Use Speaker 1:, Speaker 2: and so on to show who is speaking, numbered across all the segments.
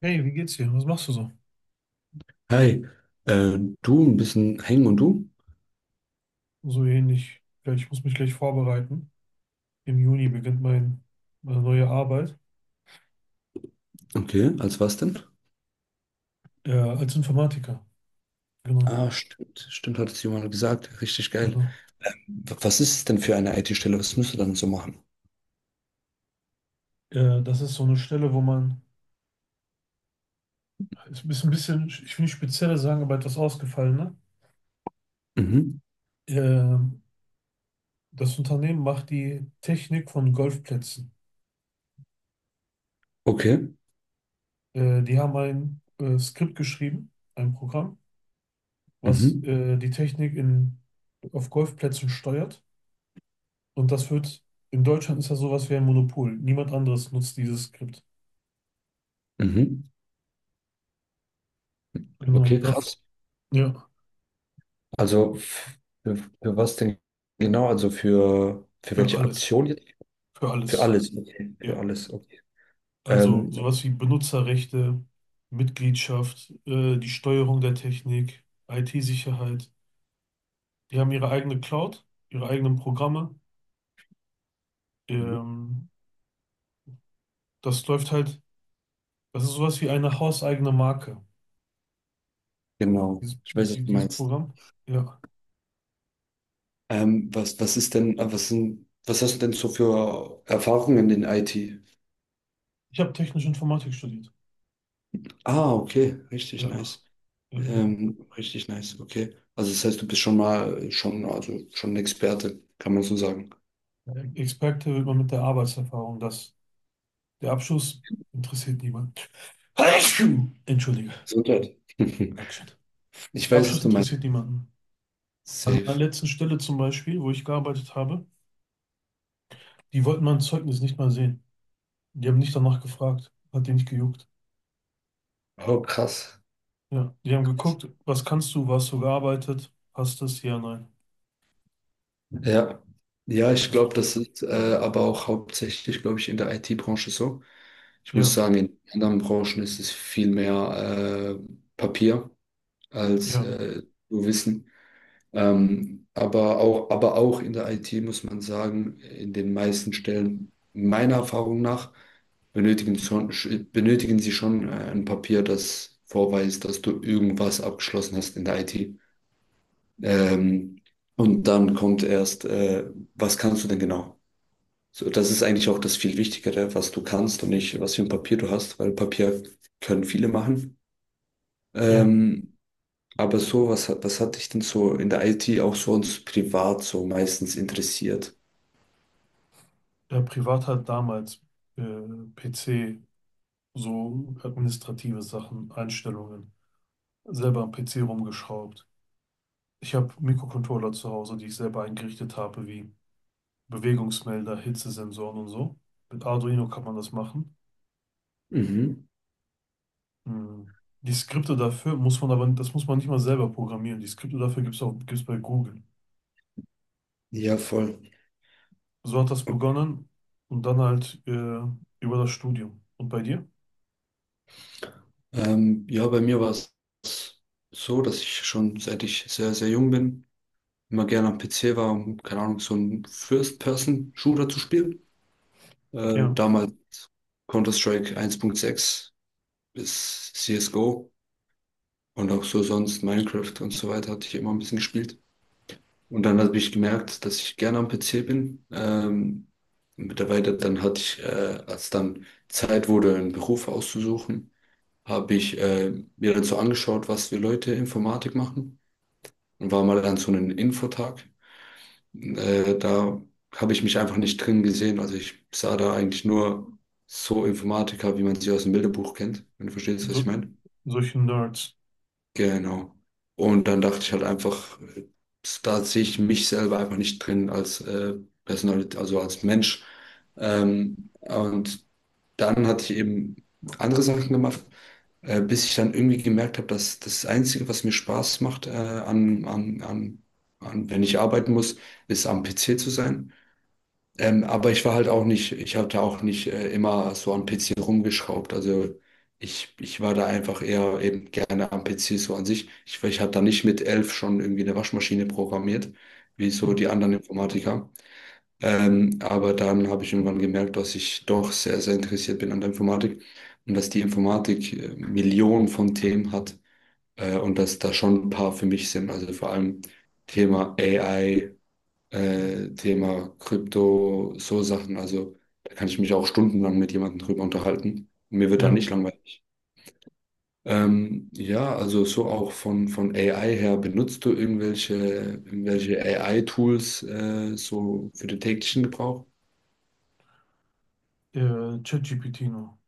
Speaker 1: Hey, wie geht's dir? Was machst du so?
Speaker 2: Hi, du ein bisschen hängen und du?
Speaker 1: So ähnlich. Ja, ich muss mich gleich vorbereiten. Im Juni beginnt meine neue Arbeit,
Speaker 2: Okay, als was denn?
Speaker 1: als Informatiker. Genau,
Speaker 2: Ah, stimmt, stimmt, hat es jemand gesagt. Richtig geil.
Speaker 1: genau.
Speaker 2: Was ist es denn für eine IT-Stelle? Was müsst ihr dann so machen?
Speaker 1: Das ist so eine Stelle, ist ein bisschen, ich will nicht spezieller sagen, aber etwas ausgefallener.
Speaker 2: Mhm.
Speaker 1: Ähm, Das Unternehmen macht die Technik von Golfplätzen.
Speaker 2: Okay.
Speaker 1: Die haben ein Skript geschrieben, ein Programm, was
Speaker 2: Mhm.
Speaker 1: die Technik in, auf Golfplätzen steuert. Und das wird, in Deutschland ist das sowas wie ein Monopol. Niemand anderes nutzt dieses Skript.
Speaker 2: Mhm.
Speaker 1: Genau,
Speaker 2: Okay,
Speaker 1: dafür,
Speaker 2: krass.
Speaker 1: ja,
Speaker 2: Also für was denn genau? Also für
Speaker 1: für
Speaker 2: welche
Speaker 1: alles,
Speaker 2: Aktion jetzt?
Speaker 1: für
Speaker 2: Für
Speaker 1: alles.
Speaker 2: alles, okay. Für
Speaker 1: Ja.
Speaker 2: alles, okay.
Speaker 1: Also
Speaker 2: Ähm,
Speaker 1: sowas wie Benutzerrechte, Mitgliedschaft, die Steuerung der Technik, IT-Sicherheit. Die haben ihre eigene Cloud, ihre eigenen Programme.
Speaker 2: Mhm.
Speaker 1: Ähm, Das läuft halt, das ist sowas wie eine hauseigene Marke,
Speaker 2: Genau. Ich weiß, was du
Speaker 1: dieses
Speaker 2: meinst.
Speaker 1: Programm. Ja.
Speaker 2: Was, was ist denn, was sind, was hast du denn so für Erfahrungen in IT?
Speaker 1: Ich habe technische Informatik studiert.
Speaker 2: Ah, okay, richtig
Speaker 1: Ja.
Speaker 2: nice.
Speaker 1: Äh,
Speaker 2: Richtig nice, okay. Also das heißt, du bist schon mal schon, also schon ein Experte, kann man so sagen.
Speaker 1: Experte wird man mit der Arbeitserfahrung, das. Der Abschuss interessiert niemanden. Entschuldige.
Speaker 2: Gesundheit.
Speaker 1: Dankeschön.
Speaker 2: Ich
Speaker 1: Der
Speaker 2: weiß, was
Speaker 1: Abschuss
Speaker 2: du meinst.
Speaker 1: interessiert niemanden. An meiner
Speaker 2: Safe.
Speaker 1: letzten Stelle zum Beispiel, wo ich gearbeitet habe, die wollten mein Zeugnis nicht mal sehen. Die haben nicht danach gefragt. Hat die nicht gejuckt.
Speaker 2: Oh, krass.
Speaker 1: Ja, die haben geguckt, was kannst du, wo hast du gearbeitet, hast das, ja, nein.
Speaker 2: Ja. Ja, ich
Speaker 1: Hast du.
Speaker 2: glaube, das ist aber auch hauptsächlich, glaube ich, in der IT-Branche so. Ich muss
Speaker 1: Ja,
Speaker 2: sagen, in anderen Branchen ist es viel mehr Papier als
Speaker 1: ja,
Speaker 2: nur Wissen. Aber auch in der IT muss man sagen, in den meisten Stellen meiner Erfahrung nach schon, benötigen sie schon ein Papier, das vorweist, dass du irgendwas abgeschlossen hast in der IT. Ähm, und dann kommt erst, was kannst du denn genau? So, das ist eigentlich auch das viel Wichtigere, was du kannst und nicht, was für ein Papier du hast, weil Papier können viele machen.
Speaker 1: ja.
Speaker 2: Ähm, aber so, was, was hat dich denn so in der IT auch sonst privat so meistens interessiert?
Speaker 1: Der Privat hat damals äh, PC, so administrative Sachen, Einstellungen, selber am PC rumgeschraubt. Ich habe Mikrocontroller zu Hause, die ich selber eingerichtet habe, wie Bewegungsmelder, Hitzesensoren und so. Mit Arduino kann man das machen.
Speaker 2: Mhm.
Speaker 1: Hm. Die Skripte dafür muss man aber, das muss man nicht mal selber programmieren. Die Skripte dafür gibt es auch, gibt's bei Google.
Speaker 2: Ja, voll.
Speaker 1: So hat das begonnen und dann halt über das Studium. Und bei dir?
Speaker 2: Ja, bei mir war es so, dass ich schon seit ich sehr, sehr jung bin, immer gerne am PC war, um, keine Ahnung, so einen First-Person-Shooter zu spielen.
Speaker 1: Ja,
Speaker 2: Damals Counter-Strike 1.6 bis CSGO und auch so sonst Minecraft und so weiter hatte ich immer ein bisschen gespielt. Und dann habe ich gemerkt, dass ich gerne am PC bin. Mittlerweile dann hatte ich, als dann Zeit wurde, einen Beruf auszusuchen, habe ich mir dann so angeschaut, was für Leute Informatik machen und war mal an so einem Infotag. Da habe ich mich einfach nicht drin gesehen. Also ich sah da eigentlich nur so Informatiker, wie man sie aus dem Bilderbuch kennt, wenn du verstehst, was ich
Speaker 1: so,
Speaker 2: meine.
Speaker 1: solche Nerds.
Speaker 2: Genau. Und dann dachte ich halt einfach, da sehe ich mich selber einfach nicht drin als Personalität, also als Mensch. Und dann hatte ich eben andere Sachen gemacht, bis ich dann irgendwie gemerkt habe, dass das Einzige, was mir Spaß macht, wenn ich arbeiten muss, ist am PC zu sein. Aber ich war halt auch nicht, ich hatte auch nicht immer so am PC rumgeschraubt. Also ich war da einfach eher eben gerne am PC so an sich. Ich habe da nicht mit 11 schon irgendwie eine Waschmaschine programmiert, wie so die anderen Informatiker. Aber dann habe ich irgendwann gemerkt, dass ich doch sehr, sehr interessiert bin an der Informatik und dass die Informatik Millionen von Themen hat und dass da schon ein paar für mich sind. Also vor allem Thema AI Thema Krypto, so Sachen. Also da kann ich mich auch stundenlang mit jemandem drüber unterhalten. Mir wird da
Speaker 1: Ja,
Speaker 2: nicht langweilig. Ja, also so auch von AI her, benutzt du irgendwelche, irgendwelche AI-Tools so für den täglichen Gebrauch?
Speaker 1: ChatGPT nur.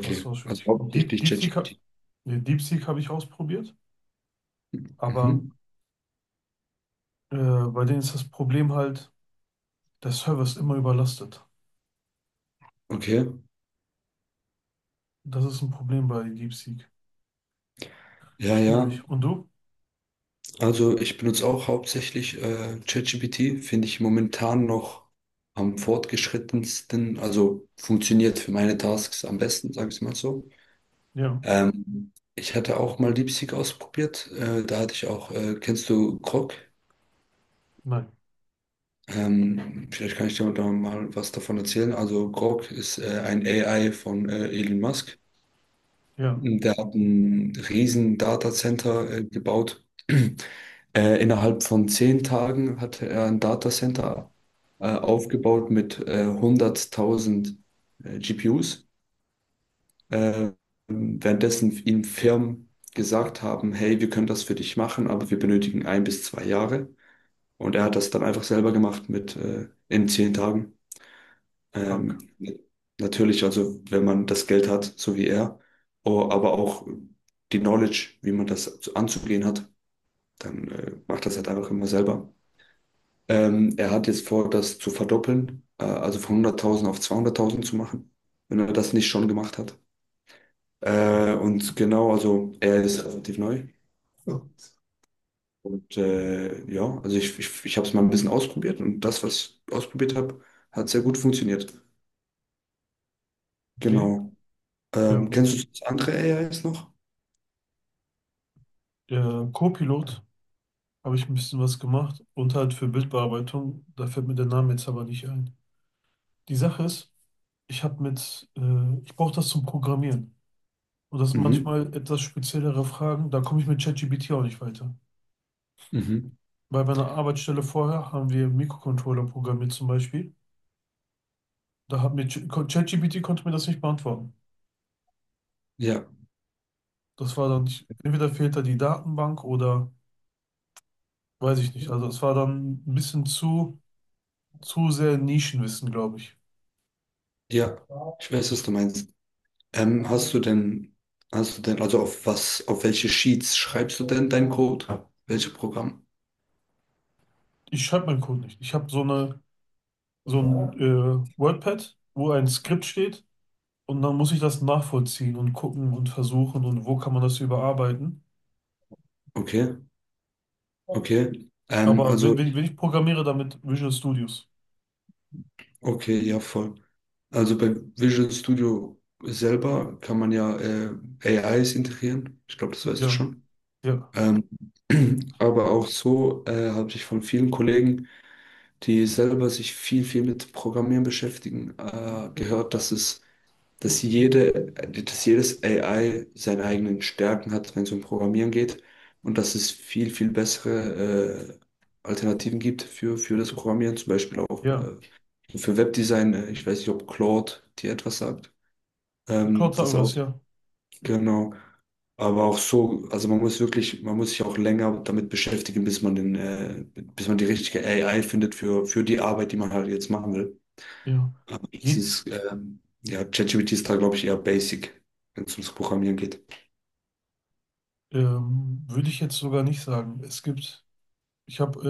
Speaker 1: Fast
Speaker 2: also
Speaker 1: ausschließlich.
Speaker 2: hauptsächlich
Speaker 1: DeepSeek,
Speaker 2: ChatGPT.
Speaker 1: nee, DeepSeek habe ich ausprobiert, aber
Speaker 2: Mhm.
Speaker 1: bei denen ist das Problem halt, der Server ist immer überlastet.
Speaker 2: Okay,
Speaker 1: Das ist ein Problem bei DeepSeek.
Speaker 2: ja, ja.
Speaker 1: Schwierig. Und du?
Speaker 2: Also ich benutze auch hauptsächlich ChatGPT, finde ich momentan noch am fortgeschrittensten, also funktioniert für meine Tasks am besten, sage ich mal so.
Speaker 1: Ja,
Speaker 2: Ich hatte auch mal DeepSeek ausprobiert, da hatte ich auch, kennst du Grok?
Speaker 1: nein,
Speaker 2: Vielleicht kann ich dir da mal was davon erzählen. Also Grok ist ein AI von Elon Musk.
Speaker 1: ja,
Speaker 2: Der hat ein riesen Datacenter gebaut. Innerhalb von 10 Tagen hatte er ein Datacenter aufgebaut mit 100.000 GPUs. Äh, währenddessen ihm Firmen gesagt haben, hey, wir können das für dich machen, aber wir benötigen 1 bis 2 Jahre. Und er hat das dann einfach selber gemacht mit in 10 Tagen.
Speaker 1: krank.
Speaker 2: Ähm, natürlich, also wenn man das Geld hat, so wie er, oh, aber auch die Knowledge, wie man das anzugehen hat, dann macht das halt einfach immer selber. Er hat jetzt vor, das zu verdoppeln, also von 100.000 auf 200.000 zu machen, wenn er das nicht schon gemacht hat. Und genau, also er ist relativ neu. Ja. Und ja, also ich habe es mal ein bisschen ausprobiert und das, was ich ausprobiert habe, hat sehr gut funktioniert.
Speaker 1: Okay.
Speaker 2: Genau.
Speaker 1: Ähm,
Speaker 2: Kennst du das andere AIs noch?
Speaker 1: Copilot habe ich ein bisschen was gemacht und halt für Bildbearbeitung. Da fällt mir der Name jetzt aber nicht ein. Die Sache ist, ich brauche das zum Programmieren. Und das sind
Speaker 2: Mhm.
Speaker 1: manchmal etwas speziellere Fragen. Da komme ich mit ChatGPT auch nicht weiter.
Speaker 2: Mhm.
Speaker 1: Bei meiner Arbeitsstelle vorher haben wir Mikrocontroller programmiert zum Beispiel. Da hat mir ChatGPT konnte mir das nicht beantworten.
Speaker 2: Ja,
Speaker 1: Das war dann nicht, entweder fehlt da die Datenbank oder weiß ich nicht. Also es war dann ein bisschen zu sehr Nischenwissen, glaube ich.
Speaker 2: ja. Ich weiß, was du meinst. Ähm, hast du denn, hast du denn, also auf was, auf welche Sheets schreibst du denn deinen Code? Welche Programm?
Speaker 1: Ich schreibe meinen Code nicht. Ich habe so eine, so ein WordPad, wo ein Skript steht und dann muss ich das nachvollziehen und gucken und versuchen und wo kann man das überarbeiten.
Speaker 2: Okay, okay.
Speaker 1: Aber wenn ich programmiere damit Visual Studios.
Speaker 2: Okay, ja, voll. Also bei Visual Studio selber kann man ja AIs integrieren. Ich glaube, das weißt du
Speaker 1: Ja,
Speaker 2: schon.
Speaker 1: ja,
Speaker 2: Ähm, aber auch so habe ich von vielen Kollegen die selber sich viel, viel mit Programmieren beschäftigen, gehört, dass es, dass jede, dass jedes AI seine eigenen Stärken hat, wenn es um Programmieren geht und dass es viel, viel bessere Alternativen gibt für das Programmieren, zum Beispiel auch
Speaker 1: ja.
Speaker 2: für Webdesign. Ich weiß nicht, ob Claude dir etwas sagt.
Speaker 1: Claude sagt mir
Speaker 2: Das
Speaker 1: was,
Speaker 2: auch,
Speaker 1: ja.
Speaker 2: genau. Aber auch so, also man muss wirklich, man muss sich auch länger damit beschäftigen, bis man den, bis man die richtige AI findet für die Arbeit, die man halt jetzt machen will.
Speaker 1: Ja.
Speaker 2: Es
Speaker 1: Je,
Speaker 2: ist, ja, ChatGPT ist da, glaube ich, eher basic, wenn es ums Programmieren geht.
Speaker 1: würde ich jetzt sogar nicht sagen. Es gibt, ich habe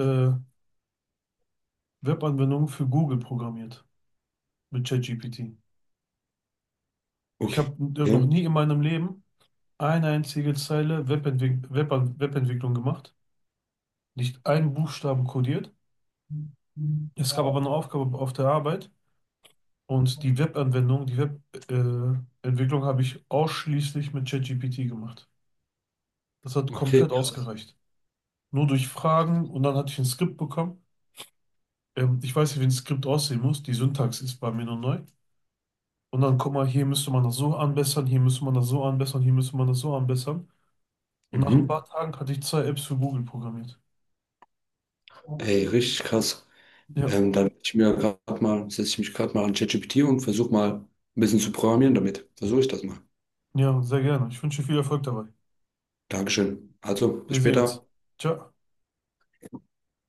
Speaker 1: Webanwendung für Google programmiert mit ChatGPT. Ich
Speaker 2: Okay.
Speaker 1: habe noch nie in meinem Leben eine einzige Zeile Webentwicklung gemacht, nicht einen Buchstaben codiert. Es gab aber eine Aufgabe auf der Arbeit und die Webanwendung, die Webentwicklung Entwicklung habe ich ausschließlich mit ChatGPT gemacht. Das hat
Speaker 2: Okay.
Speaker 1: komplett ausgereicht. Nur durch Fragen und dann hatte ich ein Skript bekommen. Ich weiß nicht, wie ein Skript aussehen muss. Die Syntax ist bei mir noch neu. Und dann, guck mal, hier müsste man das so anbessern, hier müsste man das so anbessern, hier müsste man das so anbessern. Und nach ein paar
Speaker 2: Mhm.
Speaker 1: Tagen hatte ich zwei Apps für Google programmiert.
Speaker 2: Ey, richtig krass.
Speaker 1: Ja,
Speaker 2: Dann setz ich mir grad mal, setze ich mich gerade mal an ChatGPT und versuche mal ein bisschen zu programmieren damit. Versuche ich das mal.
Speaker 1: ja, sehr gerne. Ich wünsche dir viel Erfolg dabei.
Speaker 2: Dankeschön. Also, bis
Speaker 1: Wir sehen uns.
Speaker 2: später.
Speaker 1: Ciao.